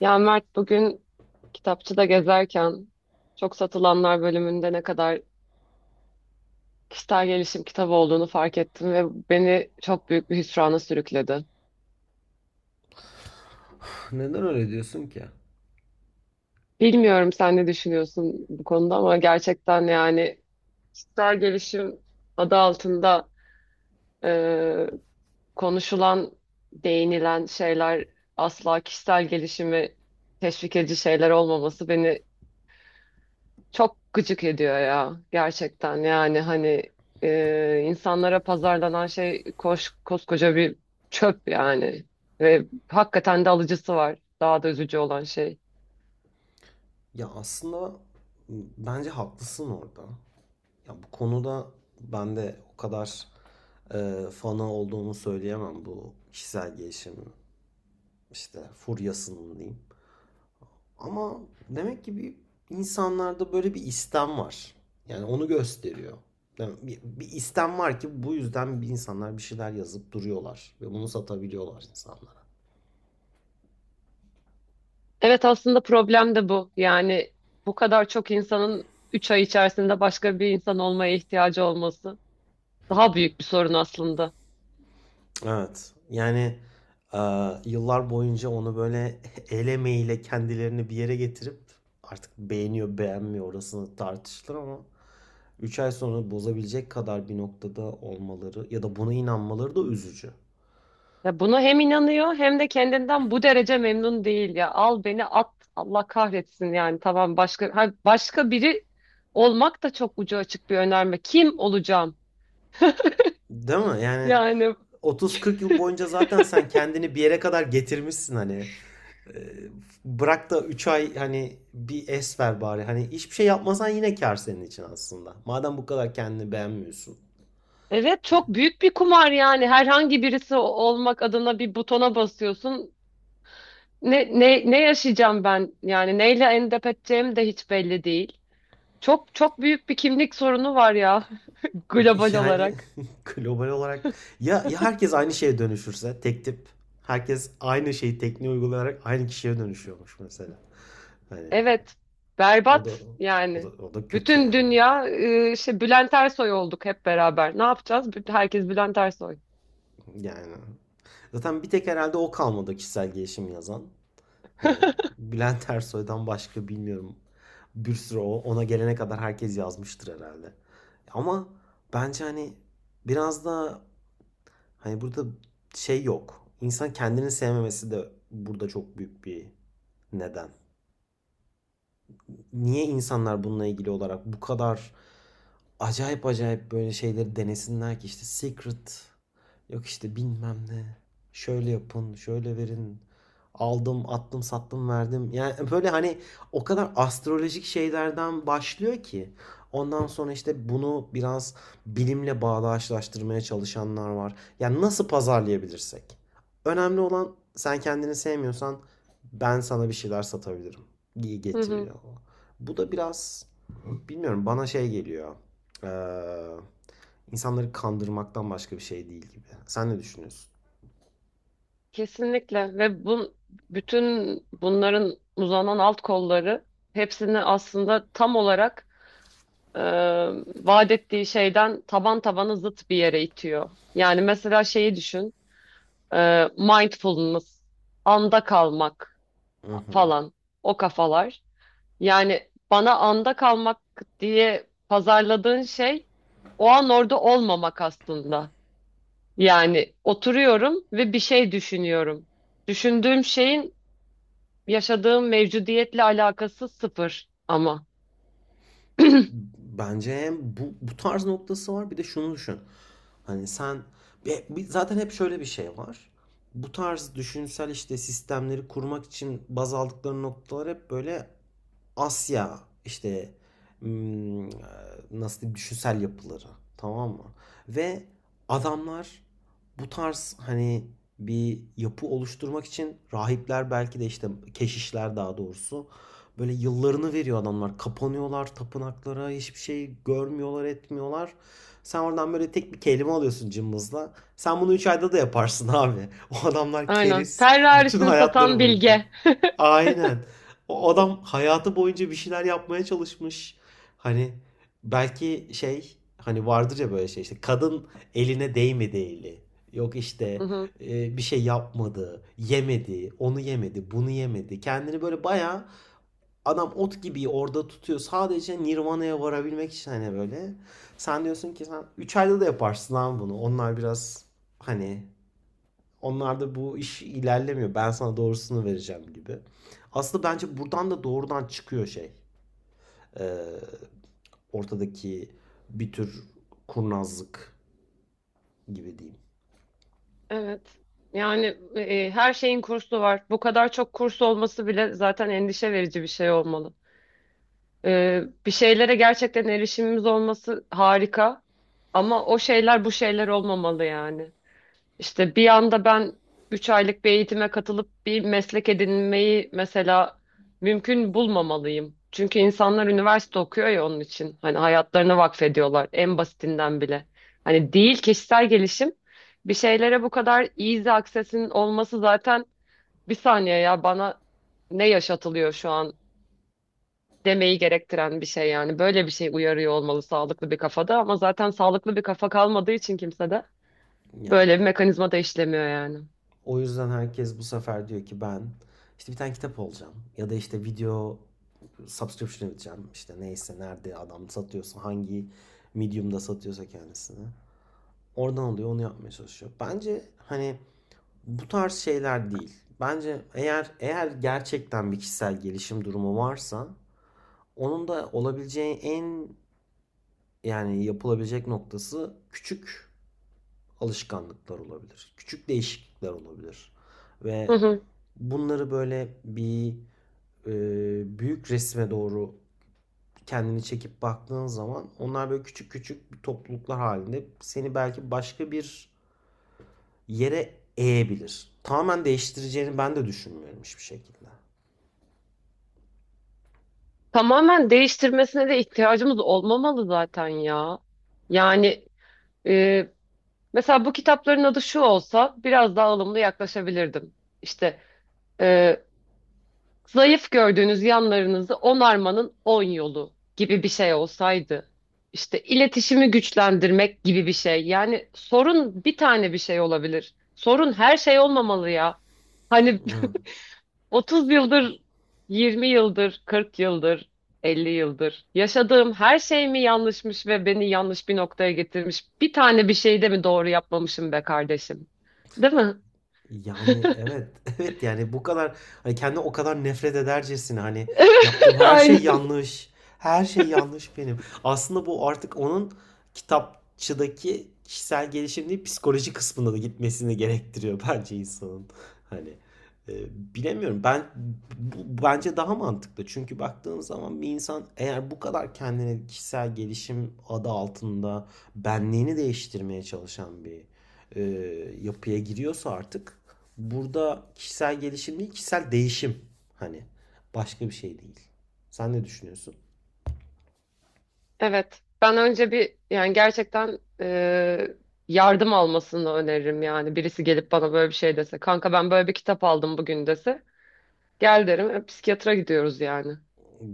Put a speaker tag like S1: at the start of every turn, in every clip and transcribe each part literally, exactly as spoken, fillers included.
S1: Ya Mert bugün kitapçıda gezerken çok satılanlar bölümünde ne kadar kişisel gelişim kitabı olduğunu fark ettim ve beni çok büyük bir hüsrana sürükledi.
S2: Neden öyle diyorsun ki?
S1: Bilmiyorum sen ne düşünüyorsun bu konuda ama gerçekten yani kişisel gelişim adı altında e, konuşulan, değinilen şeyler asla kişisel gelişimi teşvik edici şeyler olmaması beni çok gıcık ediyor ya gerçekten yani hani e, insanlara pazarlanan şey koş, koskoca bir çöp yani ve hakikaten de alıcısı var, daha da üzücü olan şey.
S2: Ya aslında bence haklısın orada. Ya bu konuda ben de o kadar e, fanı olduğumu söyleyemem bu kişisel gelişim işte furyasının diyeyim. Ama demek ki bir insanlarda böyle bir istem var. Yani onu gösteriyor. Yani bir, bir istem var ki bu yüzden bir insanlar bir şeyler yazıp duruyorlar ve bunu satabiliyorlar insanlara.
S1: Evet, aslında problem de bu yani bu kadar çok insanın üç ay içerisinde başka bir insan olmaya ihtiyacı olması daha büyük bir sorun aslında.
S2: Evet. Yani, aaa, yıllar boyunca onu böyle el emeğiyle kendilerini bir yere getirip artık beğeniyor, beğenmiyor orasını tartışılır ama üç ay sonra bozabilecek kadar bir noktada olmaları ya da buna inanmaları da üzücü.
S1: Ya buna hem inanıyor hem de kendinden bu derece memnun değil ya. Al beni at. Allah kahretsin yani. Tamam, başka ha, başka biri olmak da çok ucu açık bir önerme. Kim olacağım?
S2: Değil mi? Yani
S1: Yani
S2: otuz kırk yıl boyunca zaten sen kendini bir yere kadar getirmişsin hani. Eee, bırak da üç ay hani bir es ver bari. Hani hiçbir şey yapmasan yine kâr senin için aslında. Madem bu kadar kendini beğenmiyorsun.
S1: evet, çok büyük bir kumar yani. Herhangi birisi o- olmak adına bir butona basıyorsun. Ne ne ne yaşayacağım ben? Yani neyle endişe edeceğim de hiç belli değil. Çok çok büyük bir kimlik sorunu var ya, global
S2: Yani
S1: olarak.
S2: global olarak ya, ya herkes aynı şeye dönüşürse tek tip herkes aynı şeyi tekniği uygulayarak aynı kişiye dönüşüyormuş mesela. Hani
S1: Evet,
S2: o da
S1: berbat
S2: o da
S1: yani.
S2: o da kötü
S1: Bütün
S2: yani.
S1: dünya e, işte Bülent Ersoy olduk hep beraber. Ne yapacağız? Bütün- Herkes Bülent Ersoy.
S2: Yani zaten bir tek herhalde o kalmadı kişisel gelişim yazan. Hani Bülent Ersoy'dan başka bilmiyorum. Bir sürü o ona gelene kadar herkes yazmıştır herhalde. Ama bence hani biraz da hani burada şey yok. İnsan kendini sevmemesi de burada çok büyük bir neden, niye insanlar bununla ilgili olarak bu kadar acayip acayip böyle şeyleri denesinler ki? İşte secret, yok işte bilmem ne, şöyle yapın şöyle verin, aldım attım sattım verdim yani böyle hani. O kadar astrolojik şeylerden başlıyor ki ondan sonra işte bunu biraz bilimle bağdaşlaştırmaya çalışanlar var. Yani nasıl pazarlayabilirsek, önemli olan sen kendini sevmiyorsan ben sana bir şeyler satabilirim, iyi
S1: Hı hı,
S2: getiriyor. Bu da biraz, bilmiyorum, bana şey geliyor. Ee, insanları kandırmaktan başka bir şey değil gibi. Sen ne düşünüyorsun?
S1: kesinlikle. Ve bu, bütün bunların uzanan alt kolları hepsini aslında tam olarak e, vaat ettiği şeyden taban tabana zıt bir yere itiyor. Yani mesela şeyi düşün, e, mindfulness, anda kalmak
S2: Hı hı.
S1: falan, o kafalar. Yani bana anda kalmak diye pazarladığın şey o an orada olmamak aslında. Yani oturuyorum ve bir şey düşünüyorum. Düşündüğüm şeyin yaşadığım mevcudiyetle alakası sıfır ama.
S2: Bence hem bu, bu tarz noktası var, bir de şunu düşün. Hani sen, zaten hep şöyle bir şey var. Bu tarz düşünsel işte sistemleri kurmak için baz aldıkları noktalar hep böyle Asya, işte hmm, e, nasıl diyeyim, düşünsel yapıları, tamam mı? Ve adamlar bu tarz hani bir yapı oluşturmak için rahipler, belki de işte keşişler daha doğrusu, böyle yıllarını veriyor adamlar. Kapanıyorlar tapınaklara, hiçbir şey görmüyorlar etmiyorlar. Sen oradan böyle tek bir kelime alıyorsun cımbızla. Sen bunu üç ayda da yaparsın abi. O adamlar
S1: Aynen.
S2: keriz bütün
S1: Ferrari'sini
S2: hayatları
S1: satan
S2: boyunca.
S1: Bilge.
S2: Aynen. O adam hayatı boyunca bir şeyler yapmaya çalışmış. Hani belki şey hani vardır ya, böyle şey işte, kadın eline değmedi eli. Yok
S1: Hı
S2: işte
S1: hı.
S2: e, bir şey yapmadı, yemedi, onu yemedi, bunu yemedi. Kendini böyle bayağı, adam ot gibi orada tutuyor. Sadece Nirvana'ya varabilmek için hani böyle. Sen diyorsun ki sen üç ayda da yaparsın lan bunu. Onlar biraz hani, onlarda bu iş ilerlemiyor. Ben sana doğrusunu vereceğim gibi. Aslında bence buradan da doğrudan çıkıyor şey. Ee, ortadaki bir tür kurnazlık gibi diyeyim.
S1: Evet. Yani e, her şeyin kursu var. Bu kadar çok kurs olması bile zaten endişe verici bir şey olmalı. Ee, bir şeylere gerçekten erişimimiz olması harika. Ama o şeyler bu şeyler olmamalı yani. İşte bir anda ben üç aylık bir eğitime katılıp bir meslek edinmeyi mesela mümkün bulmamalıyım. Çünkü insanlar üniversite okuyor ya onun için. Hani hayatlarını vakfediyorlar, en basitinden bile. Hani değil kişisel gelişim. Bir şeylere bu kadar easy access'in olması zaten bir saniye ya, bana ne yaşatılıyor şu an, demeyi gerektiren bir şey yani. Böyle bir şey uyarıyor olmalı sağlıklı bir kafada, ama zaten sağlıklı bir kafa kalmadığı için kimsede
S2: Yani.
S1: böyle bir mekanizma da işlemiyor yani.
S2: O yüzden herkes bu sefer diyor ki, ben işte bir tane kitap olacağım. Ya da işte video subscription edeceğim. İşte neyse, nerede adam satıyorsa, hangi medium'da satıyorsa kendisini. Oradan alıyor onu yapmaya çalışıyor. Bence hani bu tarz şeyler değil. Bence eğer eğer gerçekten bir kişisel gelişim durumu varsa, onun da olabileceği en, yani yapılabilecek noktası küçük alışkanlıklar olabilir. Küçük değişiklikler olabilir.
S1: Hı
S2: Ve
S1: hı.
S2: bunları böyle bir e, büyük resme doğru kendini çekip baktığın zaman, onlar böyle küçük küçük topluluklar halinde seni belki başka bir yere eğebilir. Tamamen değiştireceğini ben de düşünmüyorum hiçbir şekilde.
S1: Tamamen değiştirmesine de ihtiyacımız olmamalı zaten ya. Yani e, mesela bu kitapların adı şu olsa biraz daha ılımlı yaklaşabilirdim. İşte e, zayıf gördüğünüz yanlarınızı onarmanın on yolu gibi bir şey olsaydı. İşte iletişimi güçlendirmek gibi bir şey. Yani sorun bir tane bir şey olabilir. Sorun her şey olmamalı ya. Hani
S2: Evet.
S1: otuz yıldır, yirmi yıldır, kırk yıldır, elli yıldır yaşadığım her şey mi yanlışmış ve beni yanlış bir noktaya getirmiş? Bir tane bir şeyi de mi doğru yapmamışım be kardeşim? Değil mi?
S2: Yani evet, evet yani bu kadar hani kendi, o kadar nefret edercesine hani, yaptığım her şey
S1: Aynen.
S2: yanlış. Her şey yanlış benim. Aslında bu artık onun kitapçıdaki kişisel gelişim değil, psikoloji kısmında da gitmesini gerektiriyor bence insanın. Hani e, bilemiyorum. Ben bu, bence daha mantıklı. Çünkü baktığın zaman bir insan eğer bu kadar kendine kişisel gelişim adı altında benliğini değiştirmeye çalışan bir e, yapıya giriyorsa artık, burada kişisel gelişim değil kişisel değişim hani, başka bir şey değil. Sen ne düşünüyorsun?
S1: Evet. Ben önce bir, yani gerçekten e, yardım almasını öneririm yani. Birisi gelip bana böyle bir şey dese. Kanka, ben böyle bir kitap aldım bugün, dese. Gel derim. E, psikiyatra gidiyoruz yani.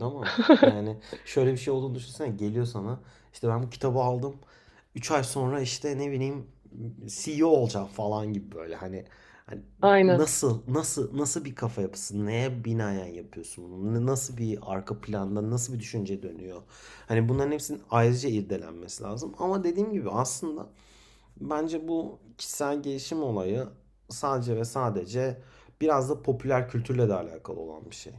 S2: Ama yani şöyle bir şey olduğunu düşünsene, geliyor sana işte, ben bu kitabı aldım, üç ay sonra işte ne bileyim C E O olacağım falan gibi böyle, hani, hani
S1: Aynen.
S2: nasıl nasıl nasıl bir kafa yapısı, neye binaen yapıyorsun bunu, nasıl bir arka planda nasıl bir düşünce dönüyor, hani bunların hepsinin ayrıca irdelenmesi lazım. Ama dediğim gibi aslında, bence bu kişisel gelişim olayı sadece ve sadece biraz da popüler kültürle de alakalı olan bir şey.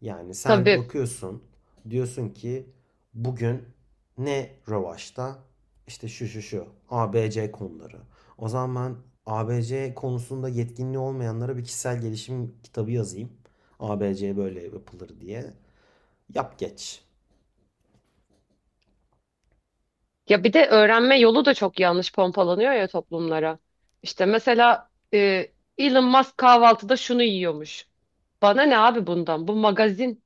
S2: Yani sen
S1: Tabii.
S2: bakıyorsun, diyorsun ki, bugün ne rövaşta? İşte şu şu şu A B C konuları. O zaman ben A B C konusunda yetkinliği olmayanlara bir kişisel gelişim kitabı yazayım. A B C böyle yapılır diye. Yap geç.
S1: Ya bir de öğrenme yolu da çok yanlış pompalanıyor ya toplumlara. İşte mesela e, Elon Musk kahvaltıda şunu yiyormuş. Bana ne abi bundan? Bu magazin.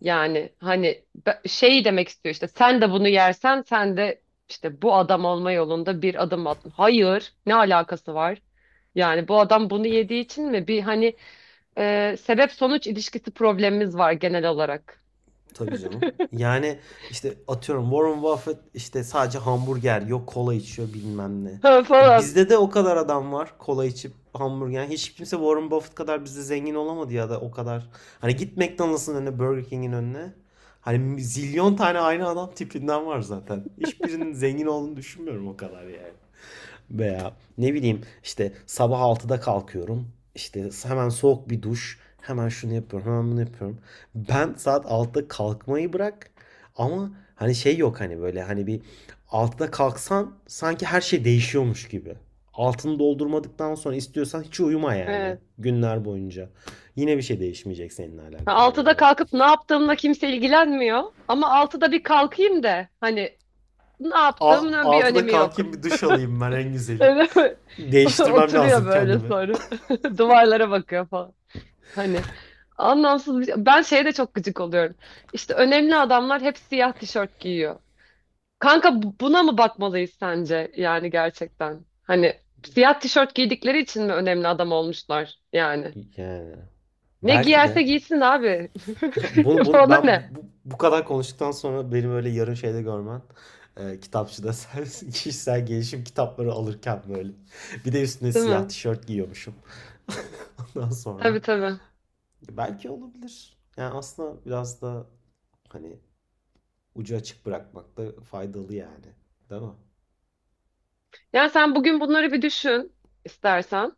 S1: Yani hani be- şey demek istiyor işte, sen de bunu yersen sen de işte bu adam olma yolunda bir adım attın. Hayır, ne alakası var? Yani bu adam bunu yediği için mi? Bir hani e, sebep sonuç ilişkisi problemimiz var genel olarak.
S2: Tabii canım. Yani işte atıyorum, Warren Buffett işte sadece hamburger, yok kola içiyor, bilmem ne.
S1: Ha,
S2: E
S1: falan.
S2: bizde de o kadar adam var kola içip hamburger. Yani hiç kimse Warren Buffett kadar bizde zengin olamadı, ya da o kadar. Hani git McDonald's'ın önüne, Burger King'in önüne. Hani zilyon tane aynı adam tipinden var zaten. Hiçbirinin zengin olduğunu düşünmüyorum o kadar yani. Veya ne bileyim, işte sabah altıda kalkıyorum. İşte hemen soğuk bir duş. Hemen şunu yapıyorum, hemen bunu yapıyorum. Ben saat altıda kalkmayı bırak. Ama hani şey yok hani, böyle hani bir altıda kalksan sanki her şey değişiyormuş gibi. Altını doldurmadıktan sonra istiyorsan hiç uyuma yani
S1: Evet.
S2: günler boyunca. Yine bir şey değişmeyecek seninle
S1: Ha,
S2: alakalı
S1: altıda
S2: olarak.
S1: kalkıp ne yaptığımla kimse ilgilenmiyor. Ama altıda bir kalkayım da hani, ne yaptığımın bir
S2: Altıda
S1: önemi yok.
S2: kalkayım, bir duş alayım, ben en güzeli.
S1: Öyle mi?
S2: Değiştirmem
S1: Oturuyor
S2: lazım
S1: böyle
S2: kendimi.
S1: sonra. Duvarlara bakıyor. Hani anlamsız bir şey. Ben şeye de çok gıcık oluyorum. İşte önemli adamlar hep siyah tişört giyiyor. Kanka, bu- buna mı bakmalıyız sence yani gerçekten? Hani siyah tişört giydikleri için mi önemli adam olmuşlar yani?
S2: Yani
S1: Ne
S2: belki
S1: giyerse
S2: de
S1: giysin abi.
S2: Bunu, bunu
S1: Ona
S2: ben bu,
S1: ne?
S2: bu- kadar konuştuktan sonra benim öyle yarın şeyde görmen, e, kitapçıda sen kişisel gelişim kitapları alırken, böyle bir de üstüne
S1: Değil
S2: siyah
S1: mi?
S2: tişört giyiyormuşum. Ondan sonra
S1: Tabii, tabii.
S2: belki olabilir. Yani aslında biraz da hani ucu açık bırakmak da faydalı yani. Değil mi?
S1: Yani sen bugün bunları bir düşün istersen.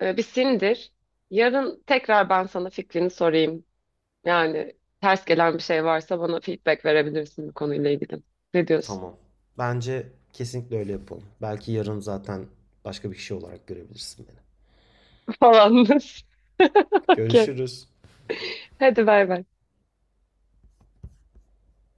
S1: Ee, Bir sindir. Yarın tekrar ben sana fikrini sorayım. Yani ters gelen bir şey varsa bana feedback verebilirsin bu konuyla ilgili. Ne diyorsun?
S2: Tamam. Bence kesinlikle öyle yapalım. Belki yarın zaten başka bir kişi olarak görebilirsin beni.
S1: Falan. Okey.
S2: Görüşürüz.
S1: Hadi bay bay.